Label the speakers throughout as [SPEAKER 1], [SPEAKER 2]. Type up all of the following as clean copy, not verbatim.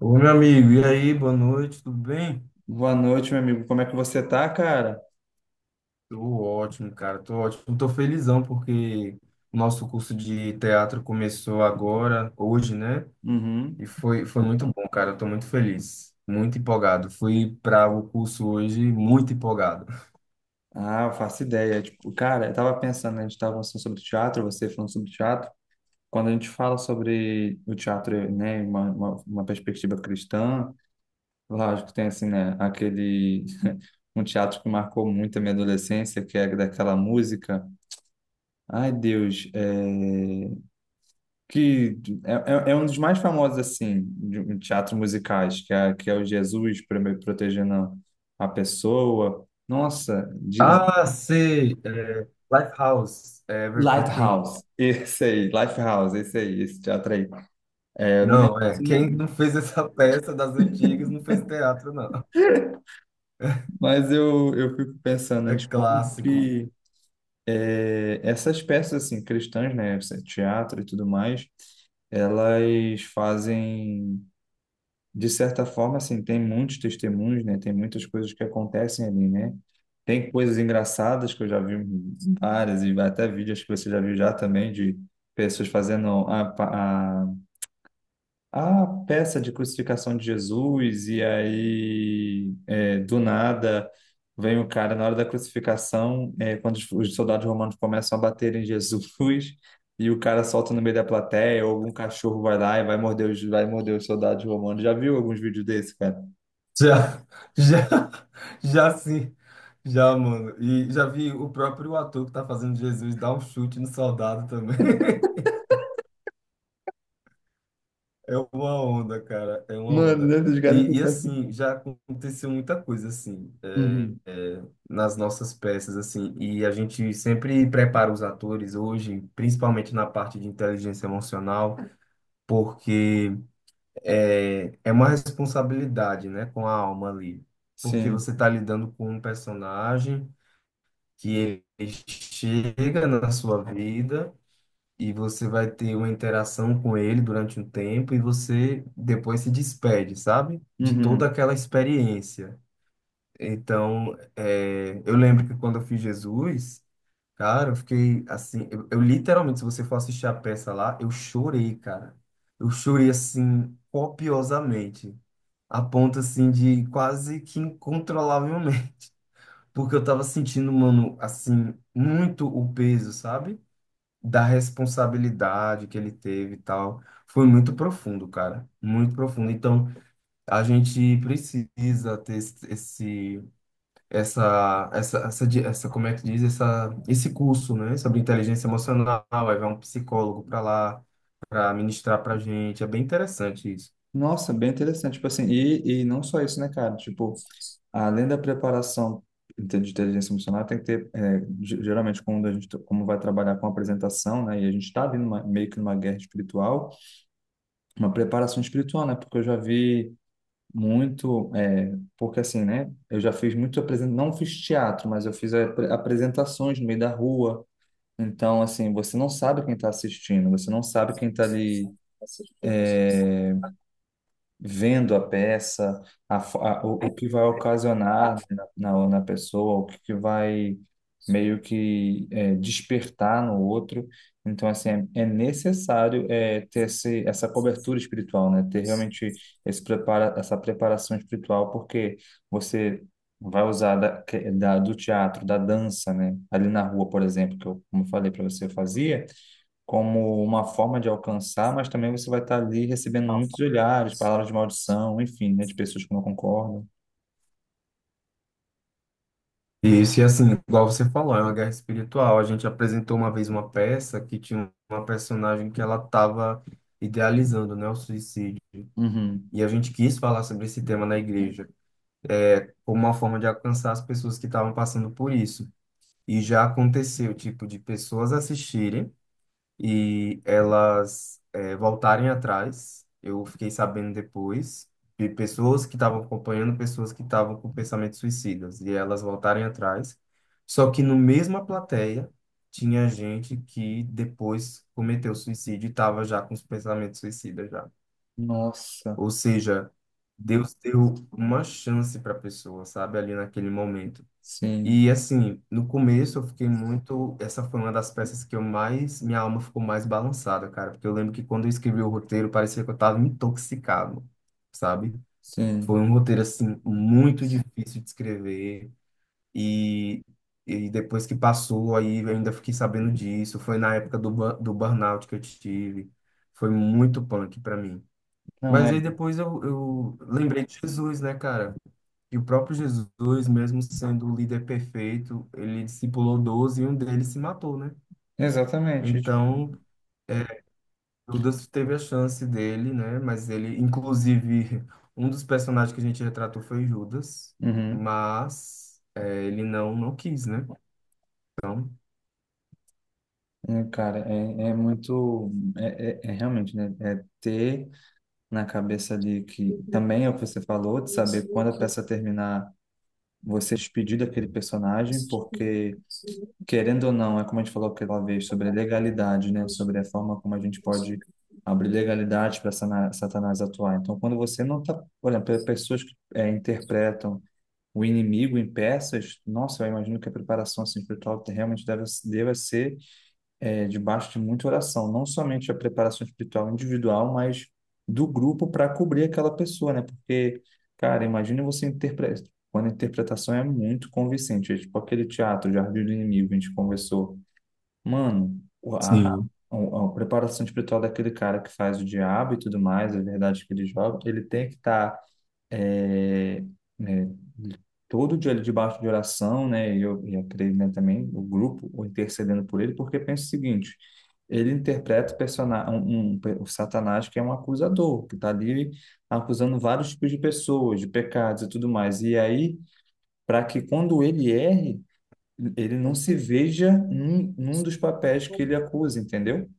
[SPEAKER 1] Ô, meu amigo, e aí, boa noite, tudo bem?
[SPEAKER 2] Boa noite, meu amigo. Como é que você tá, cara?
[SPEAKER 1] Tô ótimo, cara, tô ótimo. Tô felizão porque o nosso curso de teatro começou agora, hoje, né? E
[SPEAKER 2] Uhum.
[SPEAKER 1] foi muito bom, cara, eu tô muito feliz, muito empolgado. Fui para o curso hoje muito empolgado.
[SPEAKER 2] Ah, eu faço ideia. Tipo, cara, eu tava pensando, né, a gente tava falando sobre teatro, você falando sobre teatro. Quando a gente fala sobre o teatro, né, uma perspectiva cristã, lógico que tem assim, né, aquele um teatro que marcou muito a minha adolescência, que é daquela música. Ai, Deus, que é um dos mais famosos assim de teatro musicais, que é o Jesus protegendo a pessoa. Nossa,
[SPEAKER 1] Ah, sei, é, Lifehouse, é, Everything.
[SPEAKER 2] Lighthouse, esse aí, Lifehouse, esse aí, esse teatro aí. É, eu não lembro,
[SPEAKER 1] Não, é, quem não
[SPEAKER 2] assim,
[SPEAKER 1] fez essa peça das antigas não fez teatro, não.
[SPEAKER 2] mas eu fico pensando, né,
[SPEAKER 1] É
[SPEAKER 2] de como
[SPEAKER 1] clássico.
[SPEAKER 2] que essas peças assim cristãs, né, esse teatro e tudo mais, elas fazem, de certa forma, assim, tem muitos testemunhos, né? Tem muitas coisas que acontecem ali, né? Tem coisas engraçadas que eu já vi várias e até vídeos que você já viu já também de pessoas fazendo a peça de crucificação de Jesus, e aí, é, do nada, vem o cara na hora da crucificação, é, quando os soldados romanos começam a bater em Jesus, e o cara solta no meio da plateia, ou algum cachorro vai lá e vai morder vai morder os soldados romanos. Já viu alguns vídeos desse, cara?
[SPEAKER 1] Já, já, já sim. Já, mano. E já vi o próprio ator que tá fazendo Jesus dar um chute no soldado também. É uma onda, cara. É uma
[SPEAKER 2] Mano,
[SPEAKER 1] onda.
[SPEAKER 2] né, dos caras que
[SPEAKER 1] E
[SPEAKER 2] pensam.
[SPEAKER 1] assim, já aconteceu muita coisa, assim,
[SPEAKER 2] Uhum.
[SPEAKER 1] nas nossas peças, assim. E a gente sempre prepara os atores hoje, principalmente na parte de inteligência emocional, porque é uma responsabilidade, né, com a alma ali. Porque
[SPEAKER 2] Sim.
[SPEAKER 1] você tá lidando com um personagem que ele chega na sua vida e você vai ter uma interação com ele durante um tempo e você depois se despede, sabe? De
[SPEAKER 2] Uhum.
[SPEAKER 1] toda aquela experiência. Então, é, eu lembro que quando eu fiz Jesus, cara, eu fiquei assim, eu literalmente, se você for assistir a peça lá, eu chorei, cara. Eu chorei assim copiosamente, a ponto assim de quase que incontrolavelmente. Porque eu tava sentindo, mano, assim, muito o peso, sabe? Da responsabilidade que ele teve e tal. Foi muito profundo, cara. Muito profundo. Então, a gente precisa ter essa, como é que diz? Essa, esse curso, né? Sobre inteligência emocional. Aí vai um psicólogo para lá, para ministrar pra gente. É bem interessante isso.
[SPEAKER 2] Nossa, bem interessante. Tipo assim, e não só isso, né, cara? Tipo, além da preparação de inteligência emocional, tem que ter, é, geralmente, quando a gente, tá, como vai trabalhar com apresentação, né, e a gente está vindo numa, meio que numa guerra espiritual, uma preparação espiritual, né, porque eu já vi muito, é, porque assim, né, eu já fiz muito, não fiz teatro, mas eu fiz apresentações no meio da rua, então, assim, você não sabe quem está assistindo, você não sabe quem está ali vendo a peça, a, fo- a- o que vai ocasionar, né, na pessoa, que vai meio que é despertar no outro. Então, assim, é, é necessário é ter esse, essa cobertura espiritual, né? Ter realmente esse prepara, essa preparação espiritual, porque você vai usar do teatro, da dança, né? Ali na rua, por exemplo, que eu, como eu falei para você, eu fazia, como uma forma de alcançar, mas também você vai estar ali recebendo muitos olhares, palavras de maldição, enfim, né, de pessoas que não concordam.
[SPEAKER 1] E isso, e assim, igual você falou, é uma guerra espiritual. A gente apresentou uma vez uma peça que tinha uma personagem que ela estava idealizando, né, o suicídio.
[SPEAKER 2] Uhum.
[SPEAKER 1] E a gente quis falar sobre esse tema na igreja, como uma forma de alcançar as pessoas que estavam passando por isso. E já aconteceu, tipo, de pessoas assistirem e elas voltarem atrás. Eu fiquei sabendo depois de pessoas que estavam acompanhando, pessoas que estavam com pensamentos suicidas, e elas voltarem atrás. Só que no mesma plateia tinha gente que depois cometeu suicídio e estava já com os pensamentos suicidas já.
[SPEAKER 2] Nossa,
[SPEAKER 1] Ou seja, Deus deu uma chance para a pessoa, sabe, ali naquele momento.
[SPEAKER 2] sim,
[SPEAKER 1] E assim, no começo eu fiquei muito. Essa foi uma das peças que eu mais. Minha alma ficou mais balançada, cara. Porque eu lembro que quando eu escrevi o roteiro, parecia que eu tava intoxicado, sabe? Foi
[SPEAKER 2] sim.
[SPEAKER 1] um roteiro, assim, muito difícil de escrever. E, e depois que passou, aí eu ainda fiquei sabendo disso. Foi na época do, do burnout que eu tive. Foi muito punk para mim.
[SPEAKER 2] Não
[SPEAKER 1] Mas
[SPEAKER 2] é,
[SPEAKER 1] aí depois eu lembrei de Jesus, né, cara? E o próprio Jesus, mesmo sendo o líder perfeito, ele discipulou 12 e um deles se matou, né?
[SPEAKER 2] exatamente, tipo,
[SPEAKER 1] Então, é, Judas teve a chance dele, né? Mas ele, inclusive, um dos personagens que a gente retratou foi Judas,
[SPEAKER 2] uhum.
[SPEAKER 1] mas é, ele não, não quis, né? Então,
[SPEAKER 2] É, cara, é, é muito, é, é, é realmente, né, é ter na cabeça ali que também é o que você falou, de saber quando a peça terminar, você se despedir daquele personagem, porque querendo ou não, é como a gente falou aquela vez sobre a legalidade, né? Sobre a forma como a gente pode abrir legalidade para Satanás atuar. Então, quando você não está, por exemplo, pessoas que eh interpretam o inimigo em peças, nossa, eu imagino que a preparação assim espiritual realmente deve, deve ser é debaixo de muita oração, não somente a preparação espiritual individual, mas do grupo para cobrir aquela pessoa, né? Porque, cara, imagina você interpretar, quando a interpretação é muito convincente, é tipo aquele teatro, Jardim do Inimigo, a gente conversou. Mano, a, a,
[SPEAKER 1] sim,
[SPEAKER 2] a preparação espiritual daquele cara que faz o diabo e tudo mais, a verdade que ele joga, ele tem que estar todo dia debaixo de oração, né? E eu creio, né, também, o grupo o intercedendo por ele, porque pensa o seguinte, ele interpreta o personagem, o Satanás, que é um acusador, que está ali acusando vários tipos de pessoas, de pecados e tudo mais. E aí, para que quando ele erre, ele não se veja num dos papéis que ele acusa, entendeu?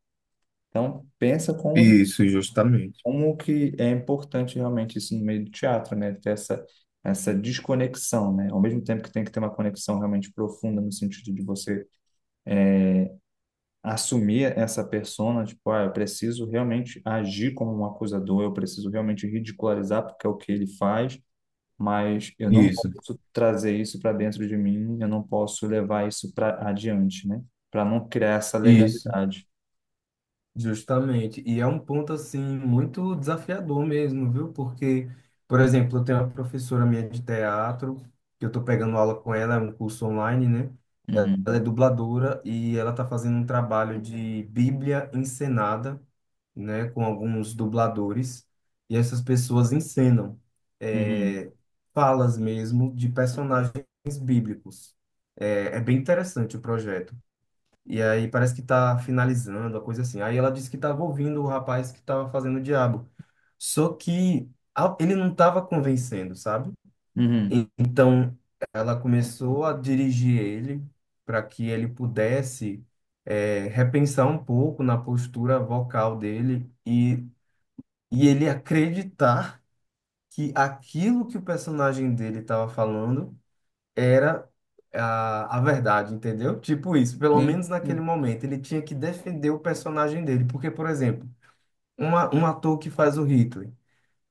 [SPEAKER 2] Então, pensa como,
[SPEAKER 1] isso, justamente.
[SPEAKER 2] como que é importante realmente isso no meio do teatro, né? Ter essa, essa desconexão, né? Ao mesmo tempo que tem que ter uma conexão realmente profunda no sentido de você assumir essa persona, tipo, ah, eu preciso realmente agir como um acusador, eu preciso realmente ridicularizar porque é o que ele faz, mas eu não
[SPEAKER 1] Isso,
[SPEAKER 2] posso trazer isso para dentro de mim, eu não posso levar isso para adiante, né? Para não criar essa
[SPEAKER 1] isso.
[SPEAKER 2] legalidade.
[SPEAKER 1] Justamente. E é um ponto assim muito desafiador mesmo, viu? Porque, por exemplo, eu tenho uma professora minha de teatro, que eu estou pegando aula com ela, é um curso online, né? Ela é
[SPEAKER 2] Uhum.
[SPEAKER 1] dubladora e ela está fazendo um trabalho de Bíblia encenada, né, com alguns dubladores, e essas pessoas encenam
[SPEAKER 2] Uhum.
[SPEAKER 1] é, falas mesmo de personagens bíblicos. É, é bem interessante o projeto. E aí parece que tá finalizando, uma coisa assim. Aí ela disse que tava ouvindo o rapaz que tava fazendo o diabo. Só que ele não tava convencendo, sabe?
[SPEAKER 2] Uhum.
[SPEAKER 1] Então ela começou a dirigir ele para que ele pudesse repensar um pouco na postura vocal dele e ele acreditar que aquilo que o personagem dele estava falando era a verdade, entendeu? Tipo isso, pelo menos
[SPEAKER 2] Sim,
[SPEAKER 1] naquele
[SPEAKER 2] sim.
[SPEAKER 1] momento, ele tinha que defender o personagem dele, porque, por exemplo, uma, um ator que faz o Hitler,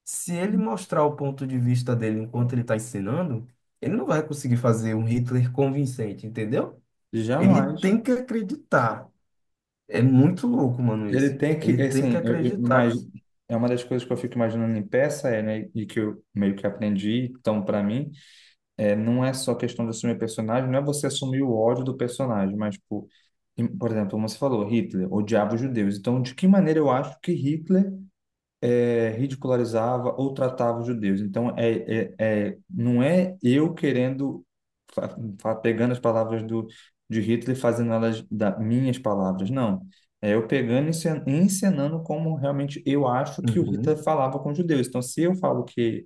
[SPEAKER 1] se ele mostrar o ponto de vista dele enquanto ele está ensinando, ele não vai conseguir fazer um Hitler convincente, entendeu? Ele
[SPEAKER 2] Jamais.
[SPEAKER 1] tem que acreditar. É muito louco, mano, isso.
[SPEAKER 2] Ele tem que,
[SPEAKER 1] Ele tem que
[SPEAKER 2] assim, eu
[SPEAKER 1] acreditar que...
[SPEAKER 2] imagino, é uma das coisas que eu fico imaginando em peça, é, né, e que eu meio que aprendi, então, para mim, é, não é só questão de assumir personagem, não é você assumir o ódio do personagem, mas, tipo, por exemplo, como você falou, Hitler odiava os judeus. Então, de que maneira eu acho que Hitler eh ridicularizava ou tratava os judeus. Então, não é eu querendo, pegando as palavras de Hitler e fazendo elas da, minhas palavras, não. É eu pegando e encenando como realmente eu acho que o Hitler
[SPEAKER 1] Uhum.
[SPEAKER 2] falava com os judeus. Então, se eu falo que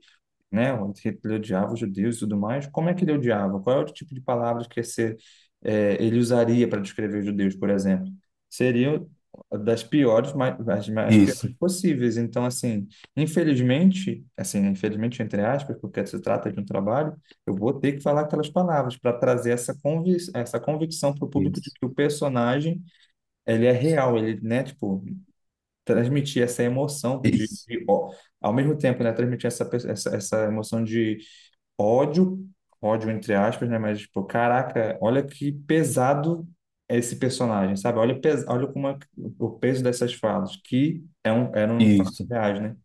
[SPEAKER 2] né? Que ele odiava os judeus e tudo mais. Como é que ele odiava? Qual é o tipo de palavras que ia ser, eh, ele usaria para descrever os judeus, por exemplo? Seriam das piores, mais, as mais
[SPEAKER 1] Isso,
[SPEAKER 2] piores possíveis. Então, assim, infelizmente entre aspas, porque se trata de um trabalho, eu vou ter que falar aquelas palavras para trazer essa convic essa convicção para o público de
[SPEAKER 1] isso,
[SPEAKER 2] que o personagem ele é real, ele, né, tipo, transmitir essa emoção
[SPEAKER 1] isso,
[SPEAKER 2] de ó, ao mesmo tempo, né, transmitir essa, essa emoção de ódio, ódio entre aspas, né? Mas, tipo, caraca, olha que pesado é esse personagem, sabe? Olha, olha como é o peso dessas falas, que é um, eram falas
[SPEAKER 1] isso.
[SPEAKER 2] reais, né?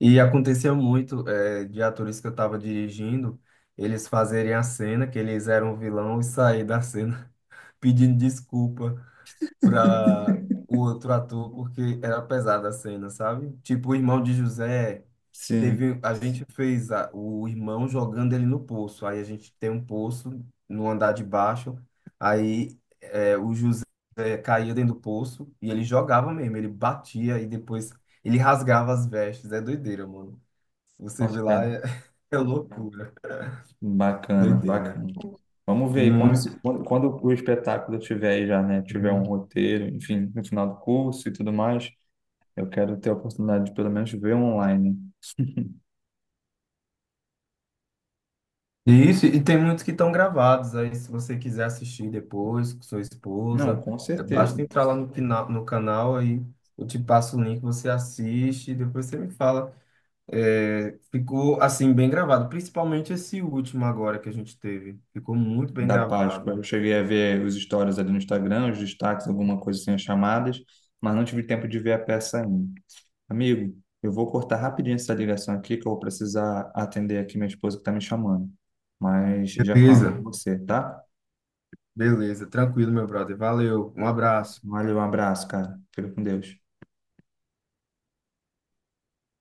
[SPEAKER 1] E aconteceu muito de atores que eu estava dirigindo, eles fazerem a cena, que eles eram o vilão, e sair da cena pedindo desculpa para o outro ator, porque era pesada a cena, sabe? Tipo, o irmão de José,
[SPEAKER 2] Sim.
[SPEAKER 1] teve, a gente fez o irmão jogando ele no poço, aí a gente tem um poço no andar de baixo, aí o José caía dentro do poço e ele jogava mesmo, ele batia e depois ele rasgava as vestes. É doideira, mano. Você
[SPEAKER 2] Nossa,
[SPEAKER 1] vê lá,
[SPEAKER 2] cara,
[SPEAKER 1] é, é loucura.
[SPEAKER 2] bacana,
[SPEAKER 1] Doideira.
[SPEAKER 2] bacana. Vamos ver aí, quando,
[SPEAKER 1] Muito.
[SPEAKER 2] quando, quando o espetáculo tiver aí já, né? Tiver
[SPEAKER 1] Uhum.
[SPEAKER 2] um roteiro, enfim, no final do curso e tudo mais, eu quero ter a oportunidade de pelo menos ver online.
[SPEAKER 1] E isso, e tem muitos que estão gravados. Aí, se você quiser assistir depois com sua
[SPEAKER 2] Não,
[SPEAKER 1] esposa,
[SPEAKER 2] com
[SPEAKER 1] é, basta
[SPEAKER 2] certeza.
[SPEAKER 1] entrar lá no, no canal, aí eu te passo o link, você assiste, e depois você me fala. É, ficou, assim, bem gravado, principalmente esse último agora que a gente teve. Ficou muito bem
[SPEAKER 2] Da Páscoa.
[SPEAKER 1] gravado.
[SPEAKER 2] Eu cheguei a ver os stories ali no Instagram, os destaques, alguma coisa assim, as chamadas, mas não tive tempo de ver a peça ainda. Amigo, eu vou cortar rapidinho essa ligação aqui, que eu vou precisar atender aqui minha esposa que está me chamando. Mas já falo com
[SPEAKER 1] Beleza.
[SPEAKER 2] você, tá?
[SPEAKER 1] Beleza, tranquilo, meu brother. Valeu, um abraço.
[SPEAKER 2] Valeu, um abraço, cara. Fica com Deus.